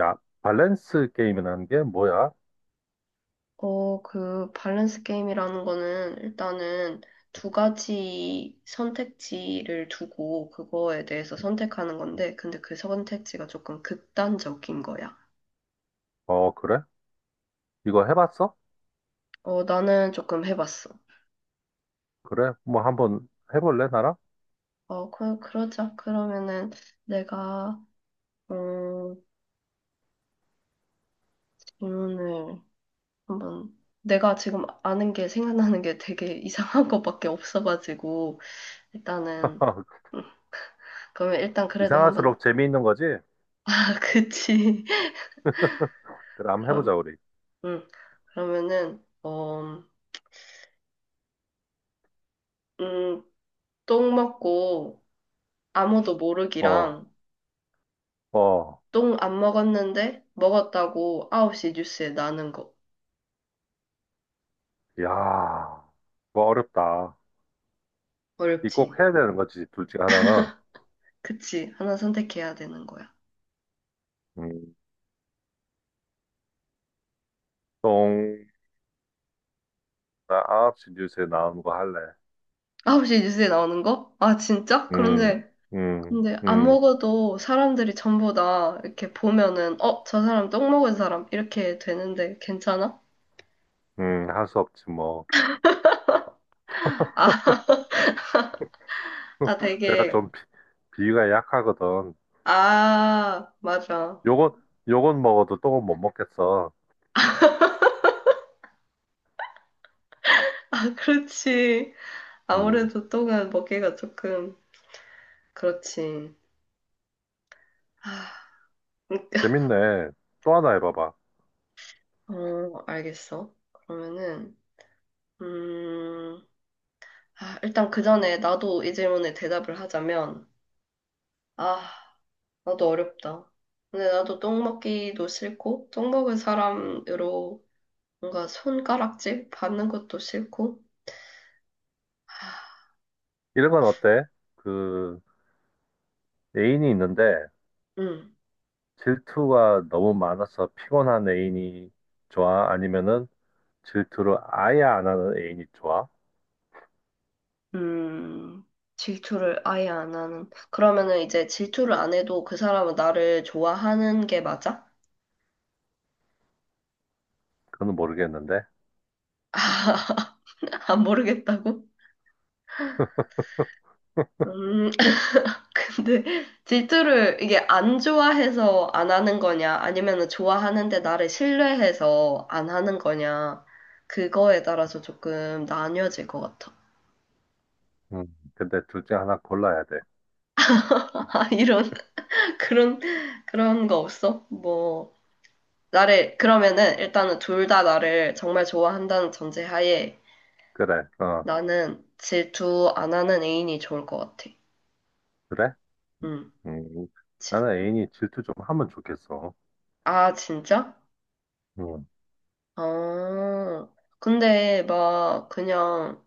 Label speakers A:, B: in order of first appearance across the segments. A: 야, 밸런스 게임이라는 게 뭐야?
B: 어, 그 밸런스 게임이라는 거는 일단은 두 가지 선택지를 두고 그거에 대해서 선택하는 건데, 근데 그 선택지가 조금 극단적인 거야.
A: 어, 그래? 이거 해봤어?
B: 어, 나는 조금 해봤어.
A: 그래? 뭐 한번 해볼래, 나랑?
B: 어, 그러자. 그러면은 내가, 어, 질문을 한번, 내가 지금 아는 게 생각나는 게 되게 이상한 것밖에 없어가지고, 일단은, 음, 그러면 일단 그래도 한번,
A: 이상할수록 재미있는 거지?
B: 아, 그치.
A: 그래, 한번 해보자,
B: 그럼.
A: 우리.
B: 응. 그러면은, 어, 음, 똥 먹고 아무도
A: 어,
B: 모르기랑
A: 어,
B: 똥 안 먹었는데 먹었다고 9시 뉴스에 나는 거.
A: 야, 이거 어렵다. 이
B: 어렵지.
A: 꼭 해야 되는 거지, 둘 중에 하나는.
B: 그치. 하나 선택해야 되는 거야.
A: 음, 똥, 나 9시 뉴스에 나오는 거 할래.
B: 9시 뉴스에 나오는 거? 아, 진짜?
A: 음,
B: 그런데,
A: 음,
B: 근데 안
A: 음,
B: 먹어도 사람들이 전부 다 이렇게 보면은, 어, 저 사람 똥 먹은 사람. 이렇게 되는데 괜찮아?
A: 할 수 없지, 뭐.
B: 아, 아
A: 내가
B: 되게,
A: 좀 비, 비위가 약하거든.
B: 아, 맞아.
A: 요건, 요건 먹어도 똥은 못 먹겠어.
B: 아, 그렇지.
A: 음.
B: 아무래도 똥은 먹기가 조금 그렇지. 아,
A: 재밌네. 또 하나 해봐봐.
B: 어, 알겠어. 그러면은 음, 아, 일단 그 전에 나도 이 질문에 대답을 하자면 아, 나도 어렵다. 근데 나도 똥 먹기도 싫고 똥 먹은 사람으로 뭔가 손가락질 받는 것도 싫고.
A: 이런 건 어때? 그, 애인이 있는데
B: 음.
A: 질투가 너무 많아서 피곤한 애인이 좋아? 아니면은 질투를 아예 안 하는 애인이 좋아?
B: 음. 질투를 아예 안 하는. 그러면은 이제 질투를 안 해도 그 사람은 나를 좋아하는 게 맞아?
A: 그건 모르겠는데.
B: 안 모르겠다고? 음, 근데 질투를 이게 안 좋아해서 안 하는 거냐, 아니면은 좋아하는데 나를 신뢰해서 안 하는 거냐, 그거에 따라서 조금 나뉘어질 것 같아.
A: 음, 근데 둘 중에 하나 골라야 돼.
B: 아, 이런, 그런, 그런 거 없어? 뭐, 나를, 그러면은 일단은 둘 다 나를 정말 좋아한다는 전제하에
A: 그래, 어,
B: 나는 질투 안 하는 애인이 좋을 것 같아.
A: 그래?
B: 응.
A: 음,
B: 질-
A: 나는 애인이 질투 좀 하면 좋겠어.
B: 아, 진짜?
A: 음,
B: 어, 근데 막 그냥,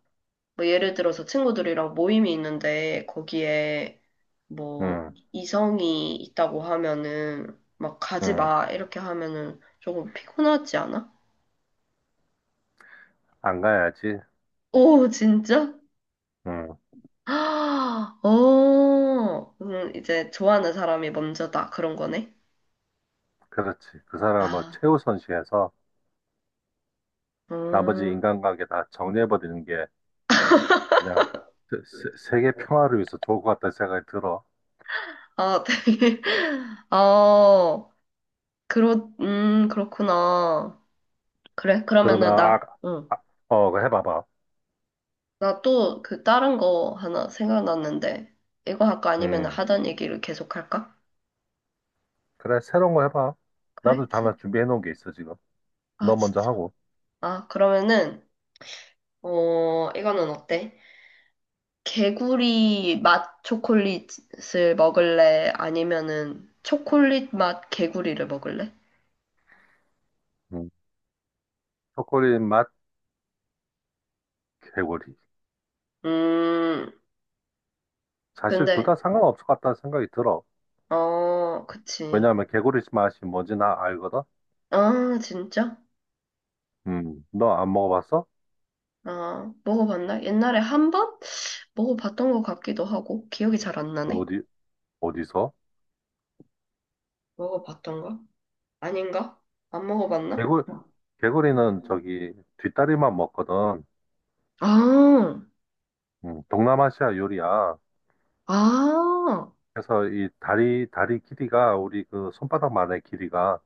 B: 뭐 예를 들어서 친구들이랑 모임이 있는데 거기에 뭐
A: 음,
B: 이성이 있다고 하면은 막 가지
A: 음,
B: 마 이렇게 하면은 조금 피곤하지 않아?
A: 안 가야지.
B: 오 진짜?
A: 음,
B: 아, 어, 이제 좋아하는 사람이 먼저다 그런 거네.
A: 그렇지. 그 사람을
B: 아,
A: 최우선시해서 나머지
B: 음,
A: 인간관계 다 정리해버리는 게 그냥 세계 평화를 위해서 좋을 것 같다는 생각이 들어.
B: 아 되게, 아 그렇, 그렇구나. 그래
A: 그러면
B: 그러면은
A: 아,
B: 나, 응.
A: 아 어, 그거 해봐봐.
B: 나 또 그 다른 거 하나 생각났는데, 이거 할까? 아니면
A: 음,
B: 하던 얘기를 계속 할까?
A: 그래 새로운 거 해봐.
B: 그래?
A: 나도 하나 준비해 놓은 게 있어 지금.
B: 아,
A: 너 먼저
B: 진짜.
A: 하고.
B: 아, 그러면은, 어, 이거는 어때? 개구리 맛 초콜릿을 먹을래? 아니면은 초콜릿 맛 개구리를 먹을래?
A: 음, 초콜릿 맛 개구리.
B: 음,
A: 사실 둘 다
B: 근데,
A: 상관없을 것 같다는 생각이 들어.
B: 어, 그치.
A: 왜냐하면 개구리 맛이 뭔지 나 알거든.
B: 아, 진짜?
A: 너 안 먹어봤어?
B: 아, 먹어봤나? 옛날에 한 번? 먹어봤던 것 같기도 하고, 기억이 잘 안 나네.
A: 어디 어디서?
B: 먹어봤던가? 아닌가? 안 먹어봤나?
A: 개구 개구리는 저기 뒷다리만 먹거든.
B: 아,
A: 동남아시아 요리야.
B: 아,
A: 그래서 이 다리 길이가 우리 그 손바닥만의 길이가,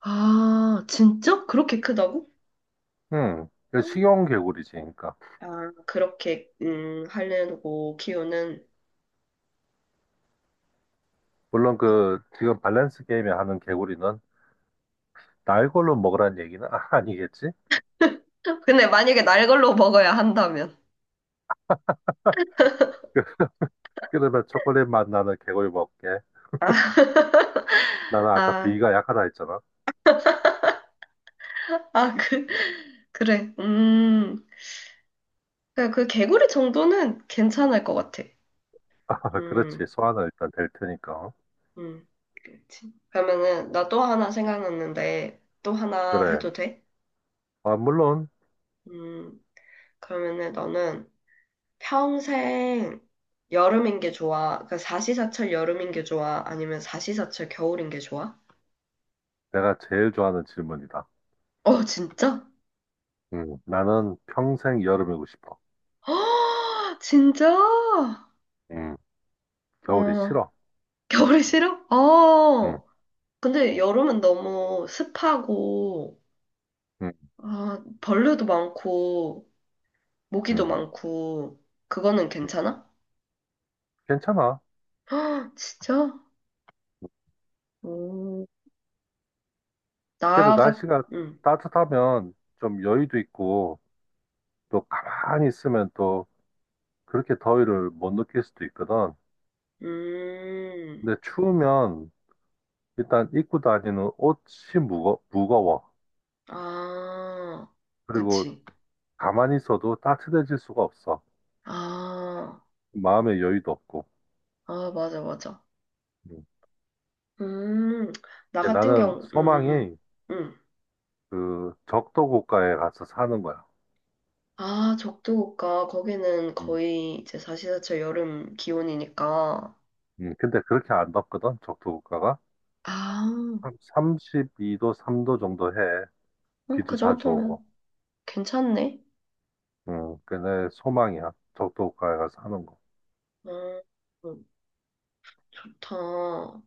B: 아, 진짜? 그렇게 크다고?
A: 그 식용 개구리지, 그러니까.
B: 아, 그렇게, 하려고 키우는.
A: 물론 그 지금 밸런스 게임에 하는 개구리는 날 걸로 먹으라는 얘기는 아니겠지?
B: 근데 만약에 날 걸로 먹어야 한다면.
A: 그- 그러면 초콜릿 맛 나는 개구리 먹게. 나는 아까
B: 아,
A: 비위가 약하다 했잖아.
B: 아, 그, 그래. 그그 개구리 정도는 괜찮을 것 같아.
A: 그렇지.
B: 음,
A: 소화는 일단 될 테니까.
B: 음, 그렇지. 그러면은, 나 또 하나 생각났는데, 또 하나
A: 그래.
B: 해도 돼?
A: 아, 물론
B: 음, 그러면은 너는, 평생 여름인 게 좋아? 그러니까 사시사철 여름인 게 좋아? 아니면 사시사철 겨울인 게 좋아?
A: 내가 제일 좋아하는 질문이다.
B: 어, 진짜?
A: 나는 평생 여름이고 싶어.
B: 허어어어 진짜?
A: 음,
B: 어,
A: 겨울이 싫어.
B: 겨울이 싫어?
A: 음,
B: 어. 근데 여름은 너무 습하고,
A: 음,
B: 아, 벌레도 많고,
A: 음.
B: 모기도 많고, 그거는
A: 음.
B: 괜찮아?
A: 괜찮아.
B: 진짜? 오,
A: 그래도
B: 나가,
A: 날씨가
B: 응,
A: 따뜻하면 좀 여유도 있고 또 가만히 있으면 또 그렇게 더위를 못 느낄 수도 있거든.
B: 음,
A: 근데 추우면 일단 입고 다니는 옷이 무거워.
B: 아,
A: 그리고
B: 그치.
A: 가만히 있어도 따뜻해질 수가 없어.
B: 아.
A: 마음의 여유도 없고.
B: 아, 맞아, 맞아.
A: 음.
B: 음, 나
A: 근데
B: 같은
A: 나는
B: 경우,
A: 소망이
B: 음.
A: 그 적도 국가에 가서 사는 거야.
B: 아, 적도국가, 거기는
A: 음.
B: 거의 이제 4시사철 여름 기온이니까.
A: 근데 그렇게 안 덥거든, 적도 국가가.
B: 아,
A: 한 32도, 3도 정도 해. 비도
B: 그
A: 자주
B: 정도면
A: 오고.
B: 괜찮네.
A: 응, 그내 소망이야. 적도가에 가서 하는 거.
B: 음, 음, 좋다.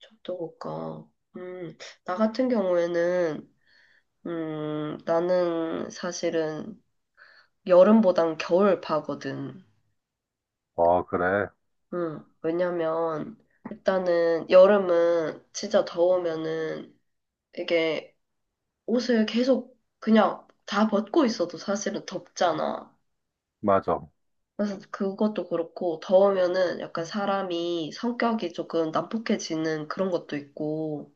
B: 적도국가. 음, 나 같은 경우에는, 나는 사실은 여름보단 겨울파거든.
A: 어, 그래.
B: 왜냐면, 일단은 여름은 진짜 더우면은 이게 옷을 계속 그냥 다 벗고 있어도 사실은 덥잖아.
A: 맞아.
B: 그래서 그것도 그렇고 더우면은 약간 사람이 성격이 조금 난폭해지는 그런 것도 있고,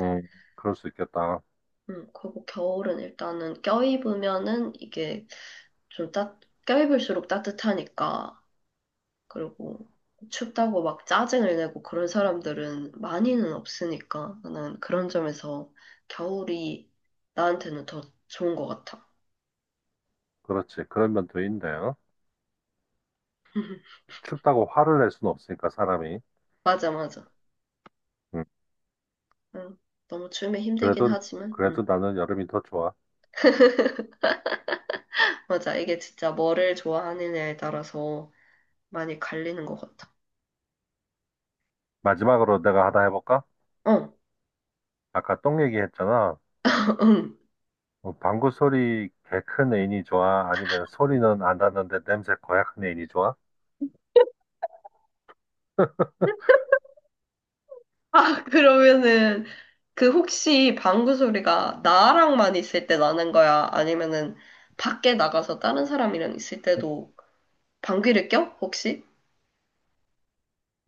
A: 응, 그럴 수 있겠다.
B: 그리고 겨울은 일단은 껴입으면은 이게 좀 따, 껴입을수록 따뜻하니까, 그리고 춥다고 막 짜증을 내고 그런 사람들은 많이는 없으니까, 나는 그런 점에서 겨울이 나한테는 더 좋은 것 같아.
A: 그렇지. 그런 면도 있네. 어? 춥다고 화를 낼 수는 없으니까, 사람이.
B: 맞아, 맞아.
A: 응,
B: 응. 너무 추우면 힘들긴
A: 그래도,
B: 하지만,
A: 그래도
B: 응.
A: 나는 여름이 더 좋아.
B: 맞아. 이게 진짜 뭐를 좋아하느냐에 따라서 많이 갈리는 것 같아.
A: 마지막으로 내가 하나 해볼까?
B: 어,
A: 아까 똥 얘기했잖아.
B: 응.
A: 어, 방구 소리 개 큰 애인이 좋아? 아니면 소리는 안 나는데 냄새 고약한 애인이 좋아?
B: 아, 그러면은, 그 혹시 방구 소리가 나랑만 있을 때 나는 거야? 아니면은, 밖에 나가서 다른 사람이랑 있을 때도 방귀를 껴? 혹시?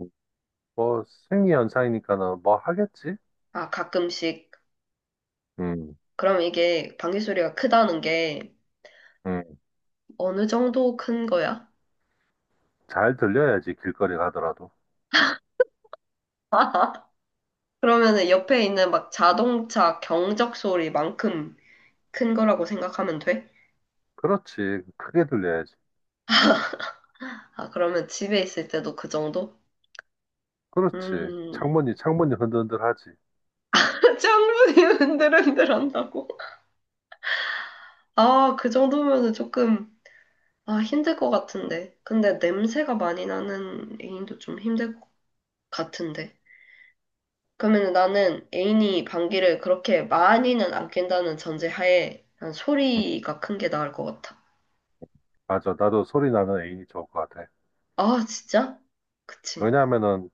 A: 음. 뭐, 생리현상이니까는 뭐 하겠지?
B: 아, 가끔씩.
A: 응,
B: 그럼 이게 방귀 소리가 크다는 게
A: 응.
B: 어느 정도 큰 거야?
A: 잘 들려야지, 길거리 가더라도.
B: 그러면은 옆에 있는 막 자동차 경적 소리만큼 큰 거라고 생각하면 돼?
A: 그렇지. 크게 들려야지.
B: 아, 그러면 집에 있을 때도 그 정도?
A: 그렇지.
B: 음,
A: 창문이 흔들흔들하지.
B: 짱분이 흔들흔들 한다고? 아, 그 정도면은 조금, 아, 힘들 것 같은데. 근데 냄새가 많이 나는 애인도 좀 힘들 것 같은데. 그러면 나는 애인이 방귀를 그렇게 많이는 안 낀다는 전제하에 난 소리가 큰 게 나을 것 같아.
A: 맞아. 나도 소리 나는 애인이 좋을 것 같아.
B: 아, 진짜? 그치.
A: 왜냐하면은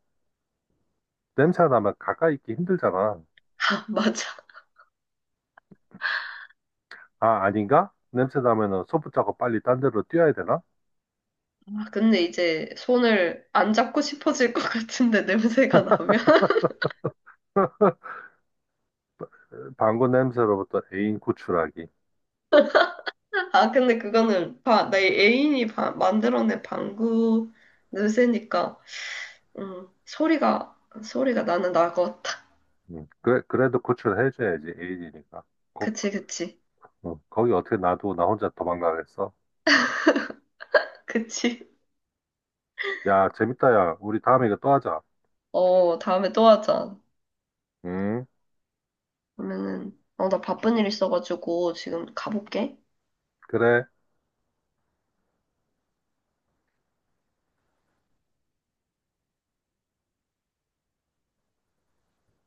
A: 냄새 나면 가까이 있기 힘들잖아.
B: 아, 맞아.
A: 아, 아닌가? 냄새 나면은 손붙잡고 빨리 딴 데로 뛰어야 되나?
B: 아, 근데 이제 손을 안 잡고 싶어질 것 같은데, 냄새가 나면.
A: 방구 냄새로부터 애인 구출하기.
B: 아, 근데 그거는 내 애인이 만들어낸 방구 냄새니까, 음, 소리가, 소리가 나는 나고, 탁.
A: 그래, 그래도 구출해줘야지. 애인이니까. 거,
B: 그치, 그치.
A: 어, 거기 어떻게 놔두고 나 혼자 도망가겠어?
B: 그치.
A: 야, 재밌다, 야. 우리 다음에 이거 또 하자.
B: 어, 다음에 또 하자.
A: 음,
B: 그러면은, 어, 나 바쁜 일 있어가지고 지금 가볼게.
A: 그래.